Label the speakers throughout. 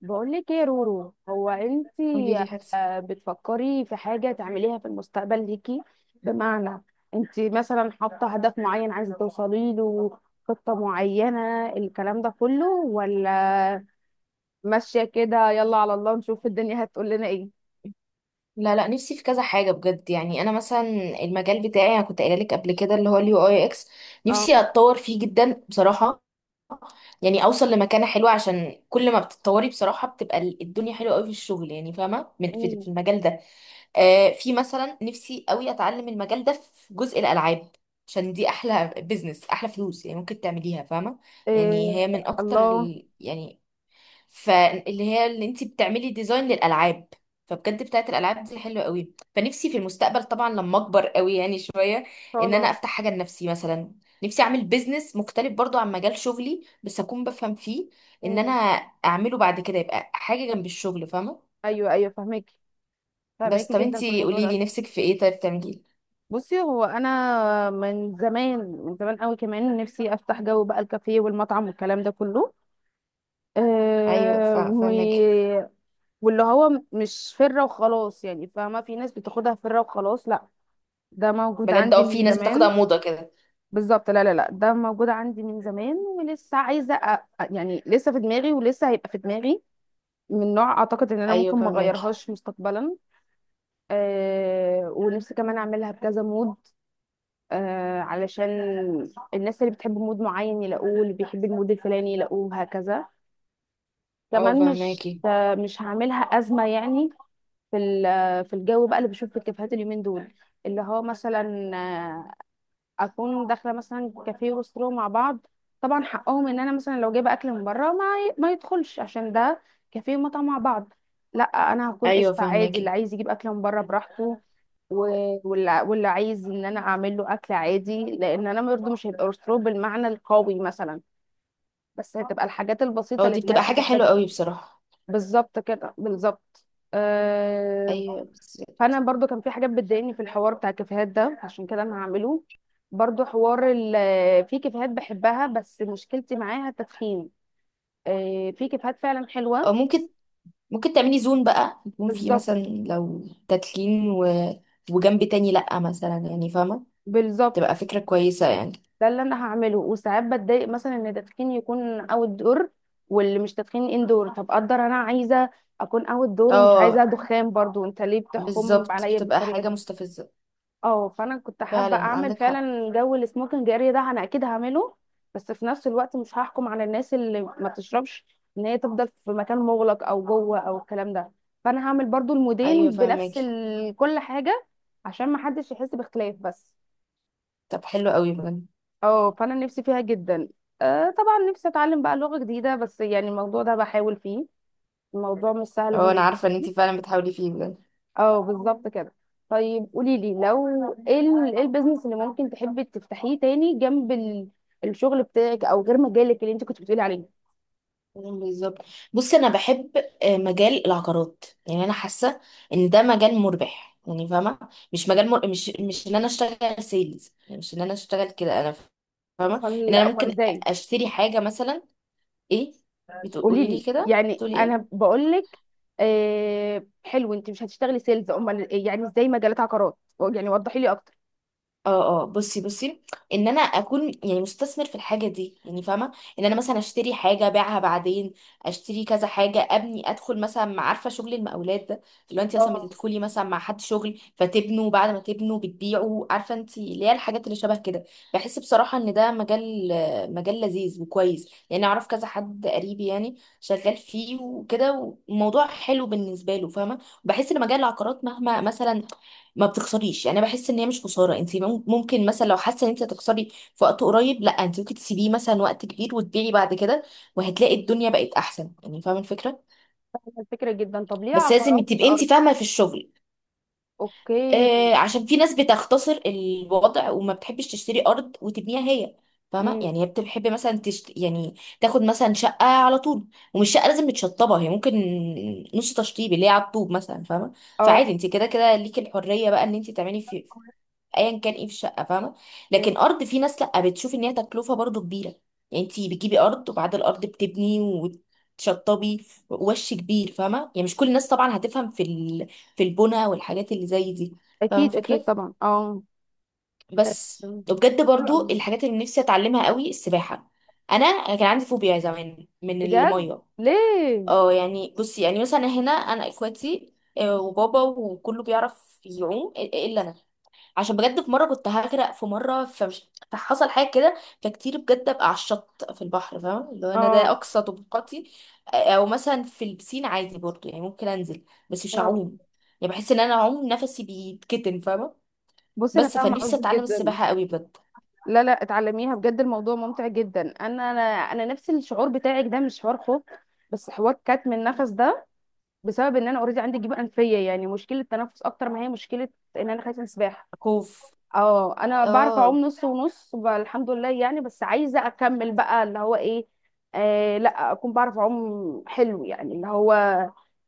Speaker 1: بقول لك ايه يا رورو؟ هو انتي
Speaker 2: قولي لي حاسه.
Speaker 1: بتفكري في حاجة تعمليها في المستقبل ليكي؟ بمعنى، انتي مثلا حاطة هدف معين عايزة توصلي له، خطة معينة الكلام ده كله، ولا ماشية كده، يلا على الله نشوف الدنيا هتقول لنا ايه؟
Speaker 2: لا لا، نفسي في كذا حاجه بجد. يعني انا مثلا، المجال بتاعي انا كنت قايله لك قبل كده اللي هو اليو اي اكس،
Speaker 1: اه.
Speaker 2: نفسي اتطور فيه جدا بصراحه. يعني اوصل لمكانه حلوه، عشان كل ما بتتطوري بصراحه بتبقى الدنيا حلوه قوي في الشغل. يعني فاهمه، من في
Speaker 1: مم.
Speaker 2: في المجال ده. في مثلا نفسي قوي اتعلم المجال ده في جزء الالعاب، عشان دي احلى بزنس احلى فلوس. يعني ممكن تعمليها فاهمه. يعني هي
Speaker 1: إيه.
Speaker 2: من اكتر
Speaker 1: الله ان
Speaker 2: ال... يعني، فاللي هي اللي انت بتعملي ديزاين للالعاب. فبجد بتاعت الالعاب دي حلوه قوي. فنفسي في المستقبل طبعا لما اكبر قوي يعني شويه،
Speaker 1: شاء
Speaker 2: ان انا
Speaker 1: الله.
Speaker 2: افتح حاجه لنفسي مثلا. نفسي اعمل بيزنس مختلف برضو عن مجال شغلي بس اكون بفهم فيه، ان انا
Speaker 1: مم.
Speaker 2: اعمله بعد كده يبقى حاجه جنب الشغل فاهمه.
Speaker 1: ايوه، ايوه، فهمك،
Speaker 2: بس
Speaker 1: فهمك
Speaker 2: طب
Speaker 1: جدا في
Speaker 2: انتي
Speaker 1: الموضوع
Speaker 2: قولي لي
Speaker 1: ده.
Speaker 2: نفسك في ايه طيب تعملي.
Speaker 1: بصي، هو انا من زمان، من زمان قوي كمان، نفسي افتح جو بقى الكافيه والمطعم والكلام ده كله.
Speaker 2: ايوه،
Speaker 1: أه و...
Speaker 2: فاهمك.
Speaker 1: واللي هو مش فره وخلاص يعني، فاهمه، في ناس بتاخدها فره وخلاص، لا، ده موجود
Speaker 2: بجد
Speaker 1: عندي
Speaker 2: اه، في
Speaker 1: من
Speaker 2: ناس بتاخدها
Speaker 1: زمان.
Speaker 2: موضه كده.
Speaker 1: بالظبط. لا لا لا، ده موجود عندي من زمان، ولسه عايزه يعني لسه في دماغي ولسه هيبقى في دماغي، من نوع اعتقد ان انا
Speaker 2: ايوه
Speaker 1: ممكن ما
Speaker 2: فاهماكي.
Speaker 1: اغيرهاش مستقبلا. أه. ونفسي كمان اعملها بكذا مود، علشان الناس اللي بتحب مود معين يلاقوه، اللي بيحب المود الفلاني يلاقوه، هكذا.
Speaker 2: اه
Speaker 1: كمان مش
Speaker 2: فاهماكي.
Speaker 1: مش هعملها أزمة يعني. في في الجو بقى اللي بشوف في الكافيهات اليومين دول، اللي هو مثلا اكون داخله مثلا كافيه وسترو مع بعض، طبعا حقهم ان انا مثلا لو جايبه اكل من بره، ما يدخلش عشان ده كافيه ومطعم مع بعض. لا، انا هكون
Speaker 2: ايوه
Speaker 1: قشطه عادي، اللي
Speaker 2: فاهماكي.
Speaker 1: عايز يجيب اكل من بره براحته، واللي عايز ان انا اعمل له اكل عادي، لان انا برضه مش هيبقى رسترو بالمعنى القوي مثلا، بس هتبقى الحاجات البسيطه
Speaker 2: اه
Speaker 1: اللي
Speaker 2: دي
Speaker 1: الناس
Speaker 2: بتبقى حاجه حلوه
Speaker 1: بتحتاجها.
Speaker 2: قوي بصراحه.
Speaker 1: بالظبط كده، بالظبط. أه،
Speaker 2: ايوه
Speaker 1: فانا
Speaker 2: بالظبط.
Speaker 1: برضو كان في حاجات بتضايقني في الحوار بتاع الكافيهات ده، عشان كده انا هعمله برضو حوار في كافيهات بحبها بس مشكلتي معاها التدخين. في كافيهات فعلا
Speaker 2: آه،
Speaker 1: حلوة.
Speaker 2: ممكن ممكن تعملي زون بقى يكون فيه
Speaker 1: بالظبط،
Speaker 2: مثلا لو تتلين و... وجنب تاني لأ مثلا. يعني فاهمة، تبقى
Speaker 1: بالظبط،
Speaker 2: فكرة كويسة يعني.
Speaker 1: ده اللي انا هعمله. وساعات بتضايق مثلا ان التدخين يكون اوت دور، واللي مش تدخين اندور، طب اقدر انا عايزه اكون اوت دور ومش
Speaker 2: اه
Speaker 1: عايزه دخان، برضو انت ليه بتحكم
Speaker 2: بالظبط،
Speaker 1: عليا
Speaker 2: بتبقى
Speaker 1: بالطريقه
Speaker 2: حاجة
Speaker 1: دي؟
Speaker 2: مستفزة.
Speaker 1: اه، فانا كنت حابه
Speaker 2: فعلا
Speaker 1: اعمل
Speaker 2: عندك حق.
Speaker 1: فعلا جو السموكينج اريا ده، انا اكيد هعمله. بس في نفس الوقت مش هحكم على الناس اللي ما بتشربش ان هي تفضل في مكان مغلق او جوه او الكلام ده. فانا هعمل برضو
Speaker 2: ايوه
Speaker 1: المودين
Speaker 2: فاهمك.
Speaker 1: كل حاجه، عشان ما حدش يحس باختلاف بس.
Speaker 2: طب حلو قوي بجد.
Speaker 1: اه، فانا نفسي فيها جدا. طبعا نفسي اتعلم بقى لغه جديده بس يعني الموضوع ده بحاول فيه، الموضوع مش سهل
Speaker 2: اه انا
Speaker 1: بالنسبه.
Speaker 2: عارفة ان انتي فعلا بتحاولي فيه بجد.
Speaker 1: اه، بالظبط كده. طيب قولي لي لو ايه إيه البيزنس اللي ممكن تحبي تفتحيه تاني جنب الشغل بتاعك، او غير مجالك اللي انت كنت بتقولي عليه؟
Speaker 2: بالظبط. بص، انا بحب مجال العقارات. يعني انا حاسه ان ده مجال مربح. يعني فاهمه، مش مجال مر... مش مش ان انا اشتغل سيلز. يعني مش ان انا اشتغل كده. انا فاهمه ان
Speaker 1: امال،
Speaker 2: انا
Speaker 1: امال
Speaker 2: ممكن
Speaker 1: ازاي؟
Speaker 2: اشتري حاجه مثلا. ايه؟
Speaker 1: قولي
Speaker 2: بتقولي
Speaker 1: لي
Speaker 2: لي كده؟
Speaker 1: يعني،
Speaker 2: تقولي ايه؟
Speaker 1: انا بقول لك. حلو، انت مش هتشتغلي سيلز، امال إيه؟ يعني ازاي مجالات عقارات؟ يعني وضحي لي اكتر.
Speaker 2: اه اه، بصي ان انا اكون يعني مستثمر في الحاجه دي. يعني فاهمه، ان انا مثلا اشتري حاجه ابيعها بعدين. اشتري كذا حاجه ابني، ادخل مثلا عارفه شغل المقاولات ده، اللي هو انت مثلا
Speaker 1: اه،
Speaker 2: بتدخلي مثلا مع حد شغل فتبنوا، بعد ما تبنوا بتبيعوا. عارفه انت، اللي هي الحاجات اللي شبه كده. بحس بصراحه ان ده مجال، مجال لذيذ وكويس. يعني اعرف كذا حد قريبي يعني شغال فيه وكده، والموضوع حلو بالنسبه له فاهمه. بحس ان مجال العقارات مهما مثلا، ما بتخسريش. يعني انا بحس ان هي مش خساره. انت ممكن مثلا لو حاسه ان انت هتخسري في وقت قريب، لا انت ممكن تسيبيه مثلا وقت كبير وتبيعي بعد كده، وهتلاقي الدنيا بقت احسن. يعني فاهمه الفكره.
Speaker 1: فاهمة الفكره جدا. طب ليه
Speaker 2: بس لازم
Speaker 1: عقارات مش
Speaker 2: تبقي انت
Speaker 1: ارض؟
Speaker 2: فاهمه في الشغل.
Speaker 1: اوكي.
Speaker 2: آه، عشان في ناس بتختصر الوضع وما بتحبش تشتري ارض وتبنيها هي. فاهمه،
Speaker 1: امم
Speaker 2: يعني هي بتحب مثلا تشت... يعني تاخد مثلا شقه على طول. ومش شقه لازم متشطبه، هي ممكن نص تشطيب اللي هي على الطوب مثلا فاهمه.
Speaker 1: اه.
Speaker 2: فعادي، انت كده كده ليكي الحريه بقى ان انت تعملي في ايا كان ايه في الشقه فاهمه.
Speaker 1: مم.
Speaker 2: لكن ارض، في ناس لا بتشوف ان هي تكلفه برضو كبيره. يعني انت بتجيبي ارض، وبعد الارض بتبني وتشطبي، وش كبير فاهمه. يعني مش كل الناس طبعا هتفهم في ال... في البنى والحاجات اللي زي دي. فاهمه
Speaker 1: اكيد اكيد
Speaker 2: الفكره؟
Speaker 1: طبعا، اه.
Speaker 2: بس.
Speaker 1: آه،
Speaker 2: وبجد
Speaker 1: حلو
Speaker 2: برضو
Speaker 1: قوي
Speaker 2: الحاجات اللي نفسي اتعلمها قوي السباحه. انا كان عندي فوبيا زمان من
Speaker 1: بجد.
Speaker 2: الميه.
Speaker 1: ليه؟
Speaker 2: اه يعني بصي، يعني مثلا هنا انا اخواتي وبابا وكله بيعرف يعوم الا انا. عشان بجد في مره كنت هغرق، في مره فحصل حاجه كده. فكتير بجد ابقى على الشط في البحر فاهم، اللي هو انا ده
Speaker 1: اه
Speaker 2: اقصى طبقاتي. او مثلا في البسين عادي برضو. يعني ممكن انزل بس مش
Speaker 1: اه،
Speaker 2: هعوم. يعني بحس ان انا اعوم نفسي بيتكتم فاهمه.
Speaker 1: بصي انا
Speaker 2: بس
Speaker 1: فاهمه
Speaker 2: فنفسي
Speaker 1: قصدك
Speaker 2: اتعلم
Speaker 1: جدا.
Speaker 2: السباحه قوي بجد.
Speaker 1: لا لا، اتعلميها بجد الموضوع ممتع جدا. انا نفس الشعور بتاعك ده، مش حوار خوف، بس حوار كتم النفس ده، بسبب ان انا اوريدي عندي جيوب انفيه يعني، مشكله تنفس اكتر ما هي مشكله ان انا خايفه من السباحه.
Speaker 2: خوف.
Speaker 1: اه، انا بعرف اعوم
Speaker 2: اه
Speaker 1: نص ونص بقى الحمد لله يعني، بس عايزه اكمل بقى اللي هو ايه. لا، اكون بعرف اعوم حلو يعني اللي هو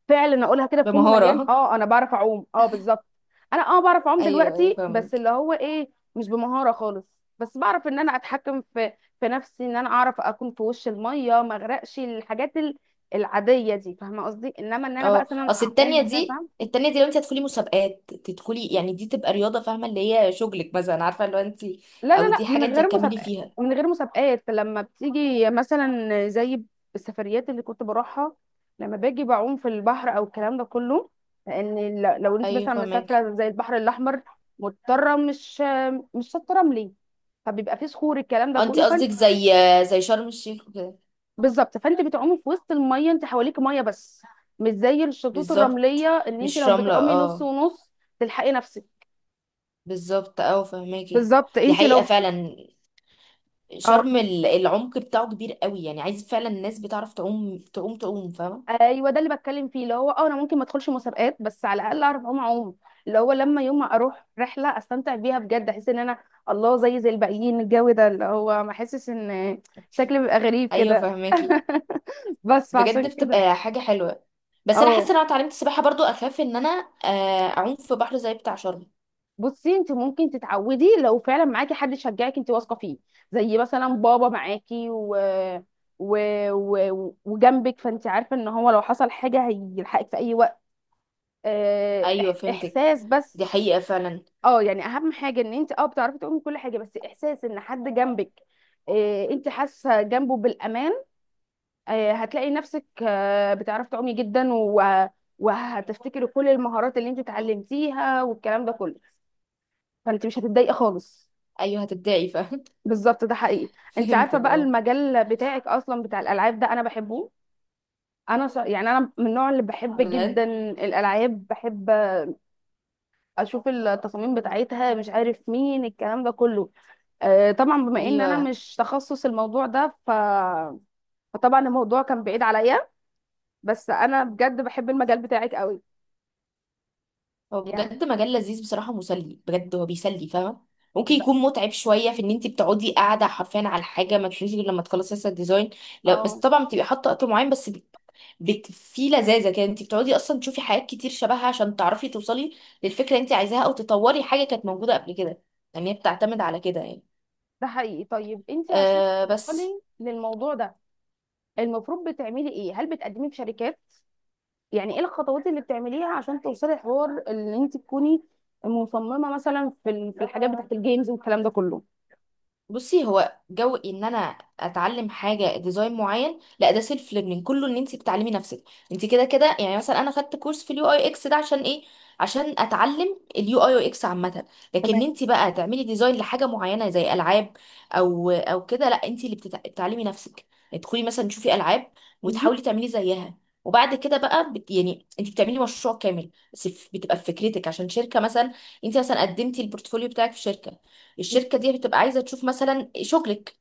Speaker 1: فعلا اقولها كده بفم مليان،
Speaker 2: بمهاره.
Speaker 1: اه انا بعرف اعوم، اه بالظبط. انا اه بعرف اعوم
Speaker 2: ايوه ايوه
Speaker 1: دلوقتي بس
Speaker 2: فاهمك.
Speaker 1: اللي هو ايه، مش بمهاره خالص، بس بعرف ان انا اتحكم في نفسي، ان انا اعرف اكون في وش الميه ما اغرقش، الحاجات العاديه دي، فاهمه قصدي، انما ان انا بقى
Speaker 2: اه
Speaker 1: مثلا
Speaker 2: اصل
Speaker 1: اعوم
Speaker 2: التانية دي
Speaker 1: مسافه.
Speaker 2: التانية دي لو انت هتدخلي مسابقات تدخلي، يعني دي تبقى رياضة فاهمة، اللي هي شغلك مثلا. عارفة لو انت،
Speaker 1: لا
Speaker 2: او
Speaker 1: لا لا،
Speaker 2: دي
Speaker 1: من
Speaker 2: حاجة انت
Speaker 1: غير
Speaker 2: هتكملي
Speaker 1: مسابقات،
Speaker 2: فيها.
Speaker 1: من غير مسابقات، لما بتيجي مثلا زي السفريات اللي كنت بروحها، لما باجي بعوم في البحر او الكلام ده كله. لان لو انت
Speaker 2: ايوه
Speaker 1: مثلا
Speaker 2: فهمك.
Speaker 1: مسافره زي البحر الاحمر، مضطره، مش شاطه رملي، فبيبقى فيه صخور الكلام ده
Speaker 2: انت
Speaker 1: كله، فانت...
Speaker 2: قصدك زي، زي شرم الشيخ وكده.
Speaker 1: بالظبط، فانت بتعومي في وسط الميه، انت حواليك ميه بس، مش زي الشطوط الرمليه،
Speaker 2: بالظبط،
Speaker 1: ان انت
Speaker 2: مش
Speaker 1: لو
Speaker 2: رملة
Speaker 1: بتعومي نص
Speaker 2: اه.
Speaker 1: ونص تلحقي نفسك.
Speaker 2: بالظبط اه فهماكي.
Speaker 1: بالظبط.
Speaker 2: دي
Speaker 1: انت
Speaker 2: حقيقة
Speaker 1: لو
Speaker 2: فعلا،
Speaker 1: اه،
Speaker 2: العمق بتاعه كبير قوي. يعني عايز فعلا الناس بتعرف تعوم تعوم تعوم فاهمة.
Speaker 1: ايوه، ده اللي بتكلم فيه، اللي هو اه انا ممكن ما ادخلش مسابقات، بس على الاقل اعرف اعوم، اعوم، اللي هو لما يوم ما اروح رحله استمتع بيها بجد، احس ان انا الله زي زي الباقيين، الجو ده اللي هو ما احسش ان شكلي بيبقى غريب
Speaker 2: ايوه
Speaker 1: كده
Speaker 2: فهماكي،
Speaker 1: بس
Speaker 2: بجد
Speaker 1: فعشان كده،
Speaker 2: بتبقى حاجة حلوة. بس انا حاسة
Speaker 1: اه.
Speaker 2: ان انا اتعلمت السباحة برضو اخاف ان انا اعوم في بحر زي بتاع شرم.
Speaker 1: بصي انت ممكن تتعودي لو فعلا معاكي حد يشجعك، انت واثقه فيه، زي مثلا بابا معاكي و... وجنبك، فانت عارفه ان هو لو حصل حاجه هيلحقك في اي وقت.
Speaker 2: ايوه فهمتك.
Speaker 1: احساس بس.
Speaker 2: دي حقيقة فعلا.
Speaker 1: اه، يعني اهم حاجه ان انت اه بتعرفي تقومي كل حاجه، بس احساس ان حد جنبك، إيه، انت حاسه جنبه بالامان، إيه، هتلاقي نفسك بتعرفي تعومي جدا، وهتفتكري كل المهارات اللي انت اتعلمتيها والكلام ده كله، فانت مش هتتضايقي خالص.
Speaker 2: ايوه هتبدعي فاهم.
Speaker 1: بالظبط، ده حقيقي. انت عارفه
Speaker 2: فهمتك
Speaker 1: بقى
Speaker 2: اه.
Speaker 1: المجال بتاعك اصلا بتاع الالعاب ده انا بحبه. انا يعني انا من النوع اللي بحب
Speaker 2: بجد.
Speaker 1: جدا الالعاب، بحب اشوف التصاميم بتاعتها، مش عارف مين الكلام ده كله. طبعا بما ان انا
Speaker 2: ايوه،
Speaker 1: مش تخصص الموضوع ده فطبعا الموضوع كان بعيد عليا، بس انا بجد بحب المجال بتاعك قوي
Speaker 2: هو
Speaker 1: يعني.
Speaker 2: بجد مجال لذيذ بصراحة، مسلي بجد. هو بيسلي فاهمة. ممكن يكون
Speaker 1: ده
Speaker 2: متعب شوية في ان انت بتقعدي قاعدة حرفيا على حاجة ما تشوفيش غير لما تخلصي لسه الديزاين. لا بس
Speaker 1: اه
Speaker 2: طبعا بتبقي حاطة وقت معين. بس بت... بت... في لذاذة كده، انت بتقعدي اصلا تشوفي حاجات كتير شبهها عشان تعرفي توصلي للفكرة اللي انت عايزاها، او تطوري حاجة كانت موجودة قبل كده. يعني هي بتعتمد على كده يعني.
Speaker 1: ده حقيقي. طيب انت عشان
Speaker 2: أه بس.
Speaker 1: توصلي للموضوع ده المفروض بتعملي ايه؟ هل بتقدمي في شركات؟ يعني ايه الخطوات اللي بتعمليها عشان توصلي الحوار اللي انت تكوني مصممة مثلا في في الحاجات بتاعت الجيمز والكلام ده كله؟
Speaker 2: بصي، هو جو ان انا اتعلم حاجه ديزاين معين لا، ده سيلف ليرنينج كله، ان انت بتعلمي نفسك. انت كده كده يعني مثلا انا خدت كورس في اليو اي اكس ده عشان ايه؟ عشان اتعلم اليو اي اكس عامه. لكن
Speaker 1: تمام.
Speaker 2: انت بقى تعملي ديزاين لحاجه معينه زي العاب، او كده لا انت اللي بتعلمي نفسك. تدخلي مثلا تشوفي العاب
Speaker 1: مهم.
Speaker 2: وتحاولي تعملي زيها. وبعد كده بقى بت... يعني انت بتعملي مشروع كامل، بس بتبقى بفكرتك عشان شركه مثلا. انت مثلا قدمتي البورتفوليو بتاعك في شركه، الشركه دي بتبقى عايزه تشوف مثلا شغلك.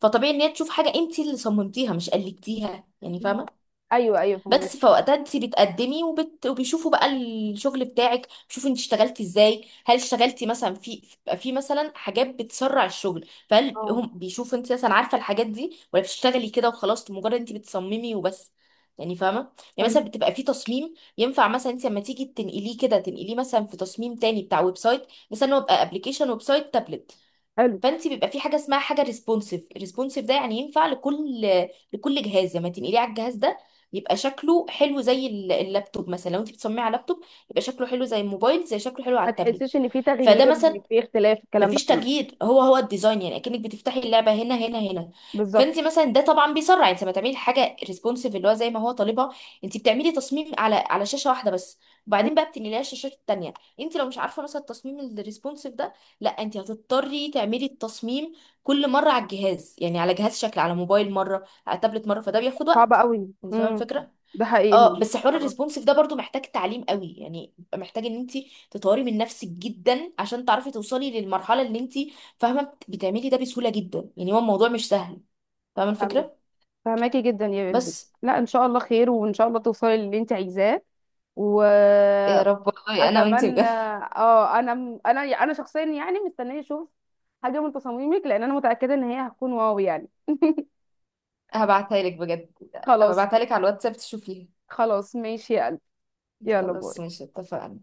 Speaker 2: فطبيعي ان هي تشوف حاجه انت اللي صممتيها مش قلدتيها يعني فاهمه.
Speaker 1: ايوه ايوه فهمك.
Speaker 2: بس فوقتها انت بتقدمي وبت... وبيشوفوا بقى الشغل بتاعك، بيشوفوا انت اشتغلتي ازاي، هل اشتغلتي مثلا في، بيبقى في مثلا حاجات بتسرع الشغل، فهل
Speaker 1: اه
Speaker 2: هم بيشوفوا انت مثلا عارفه الحاجات دي، ولا بتشتغلي كده وخلاص، مجرد انت بتصممي وبس. يعني فاهمه. يعني
Speaker 1: فهمك.
Speaker 2: مثلا بتبقى في تصميم ينفع مثلا انت لما تيجي تنقليه كده تنقليه مثلا في تصميم تاني بتاع ويب سايت مثلا. هو يبقى ابلكيشن، ويب سايت، تابلت.
Speaker 1: حلو.
Speaker 2: فانت بيبقى في حاجه اسمها حاجه ريسبونسيف. الريسبونسيف ده يعني ينفع لكل، لكل جهاز لما تنقليه على الجهاز ده يبقى شكله حلو، زي اللابتوب مثلا. لو انت بتصممي على لابتوب يبقى شكله حلو، زي الموبايل زي، شكله حلو على
Speaker 1: ما
Speaker 2: التابلت.
Speaker 1: تحسيش ان في
Speaker 2: فده
Speaker 1: تغيير،
Speaker 2: مثلا،
Speaker 1: في اختلاف الكلام ده
Speaker 2: مفيش
Speaker 1: كله؟
Speaker 2: تجديد، هو هو الديزاين. يعني اكنك بتفتحي اللعبه هنا هنا هنا.
Speaker 1: بالظبط.
Speaker 2: فانت مثلا ده طبعا بيسرع، انت ما تعملي حاجه ريسبونسيف اللي هو زي ما هو طالبها. انت بتعملي تصميم على شاشه واحده بس، وبعدين بقى بتنقليها الشاشات التانيه. انت لو مش عارفه مثلا التصميم الريسبونسيف ده، لا انت هتضطري تعملي التصميم كل مره على الجهاز، يعني على جهاز شكل، على موبايل مره، على تابلت مره، فده بياخد
Speaker 1: صعب
Speaker 2: وقت.
Speaker 1: قوي.
Speaker 2: انت فاهمه الفكره؟
Speaker 1: ده حقيقي
Speaker 2: اه
Speaker 1: الموضوع.
Speaker 2: بس حوار
Speaker 1: طبعا.
Speaker 2: الريسبونسيف ده برضو محتاج تعليم قوي. يعني محتاج ان انت تطوري من نفسك جدا عشان تعرفي توصلي للمرحله اللي انت فاهمه بتعملي ده بسهوله جدا. يعني هو الموضوع مش سهل فاهمه
Speaker 1: فاهمك،
Speaker 2: الفكره.
Speaker 1: فاهماكي جدا يا قلبي.
Speaker 2: بس
Speaker 1: لا ان شاء الله خير، وان شاء الله توصلي للي انت عايزاه،
Speaker 2: يا
Speaker 1: واتمنى.
Speaker 2: رب، والله انا وانت بجد.
Speaker 1: اه، انا شخصيا يعني مستنيه اشوف حاجه من تصاميمك، لان انا متاكده ان هي هتكون واو يعني.
Speaker 2: هبعتها لك بجد.
Speaker 1: خلاص.
Speaker 2: هبعتها لك على الواتساب تشوفيها.
Speaker 1: خلاص، ماشي يا قلبي. يلا
Speaker 2: خلاص
Speaker 1: باي.
Speaker 2: ماشي اتفقنا.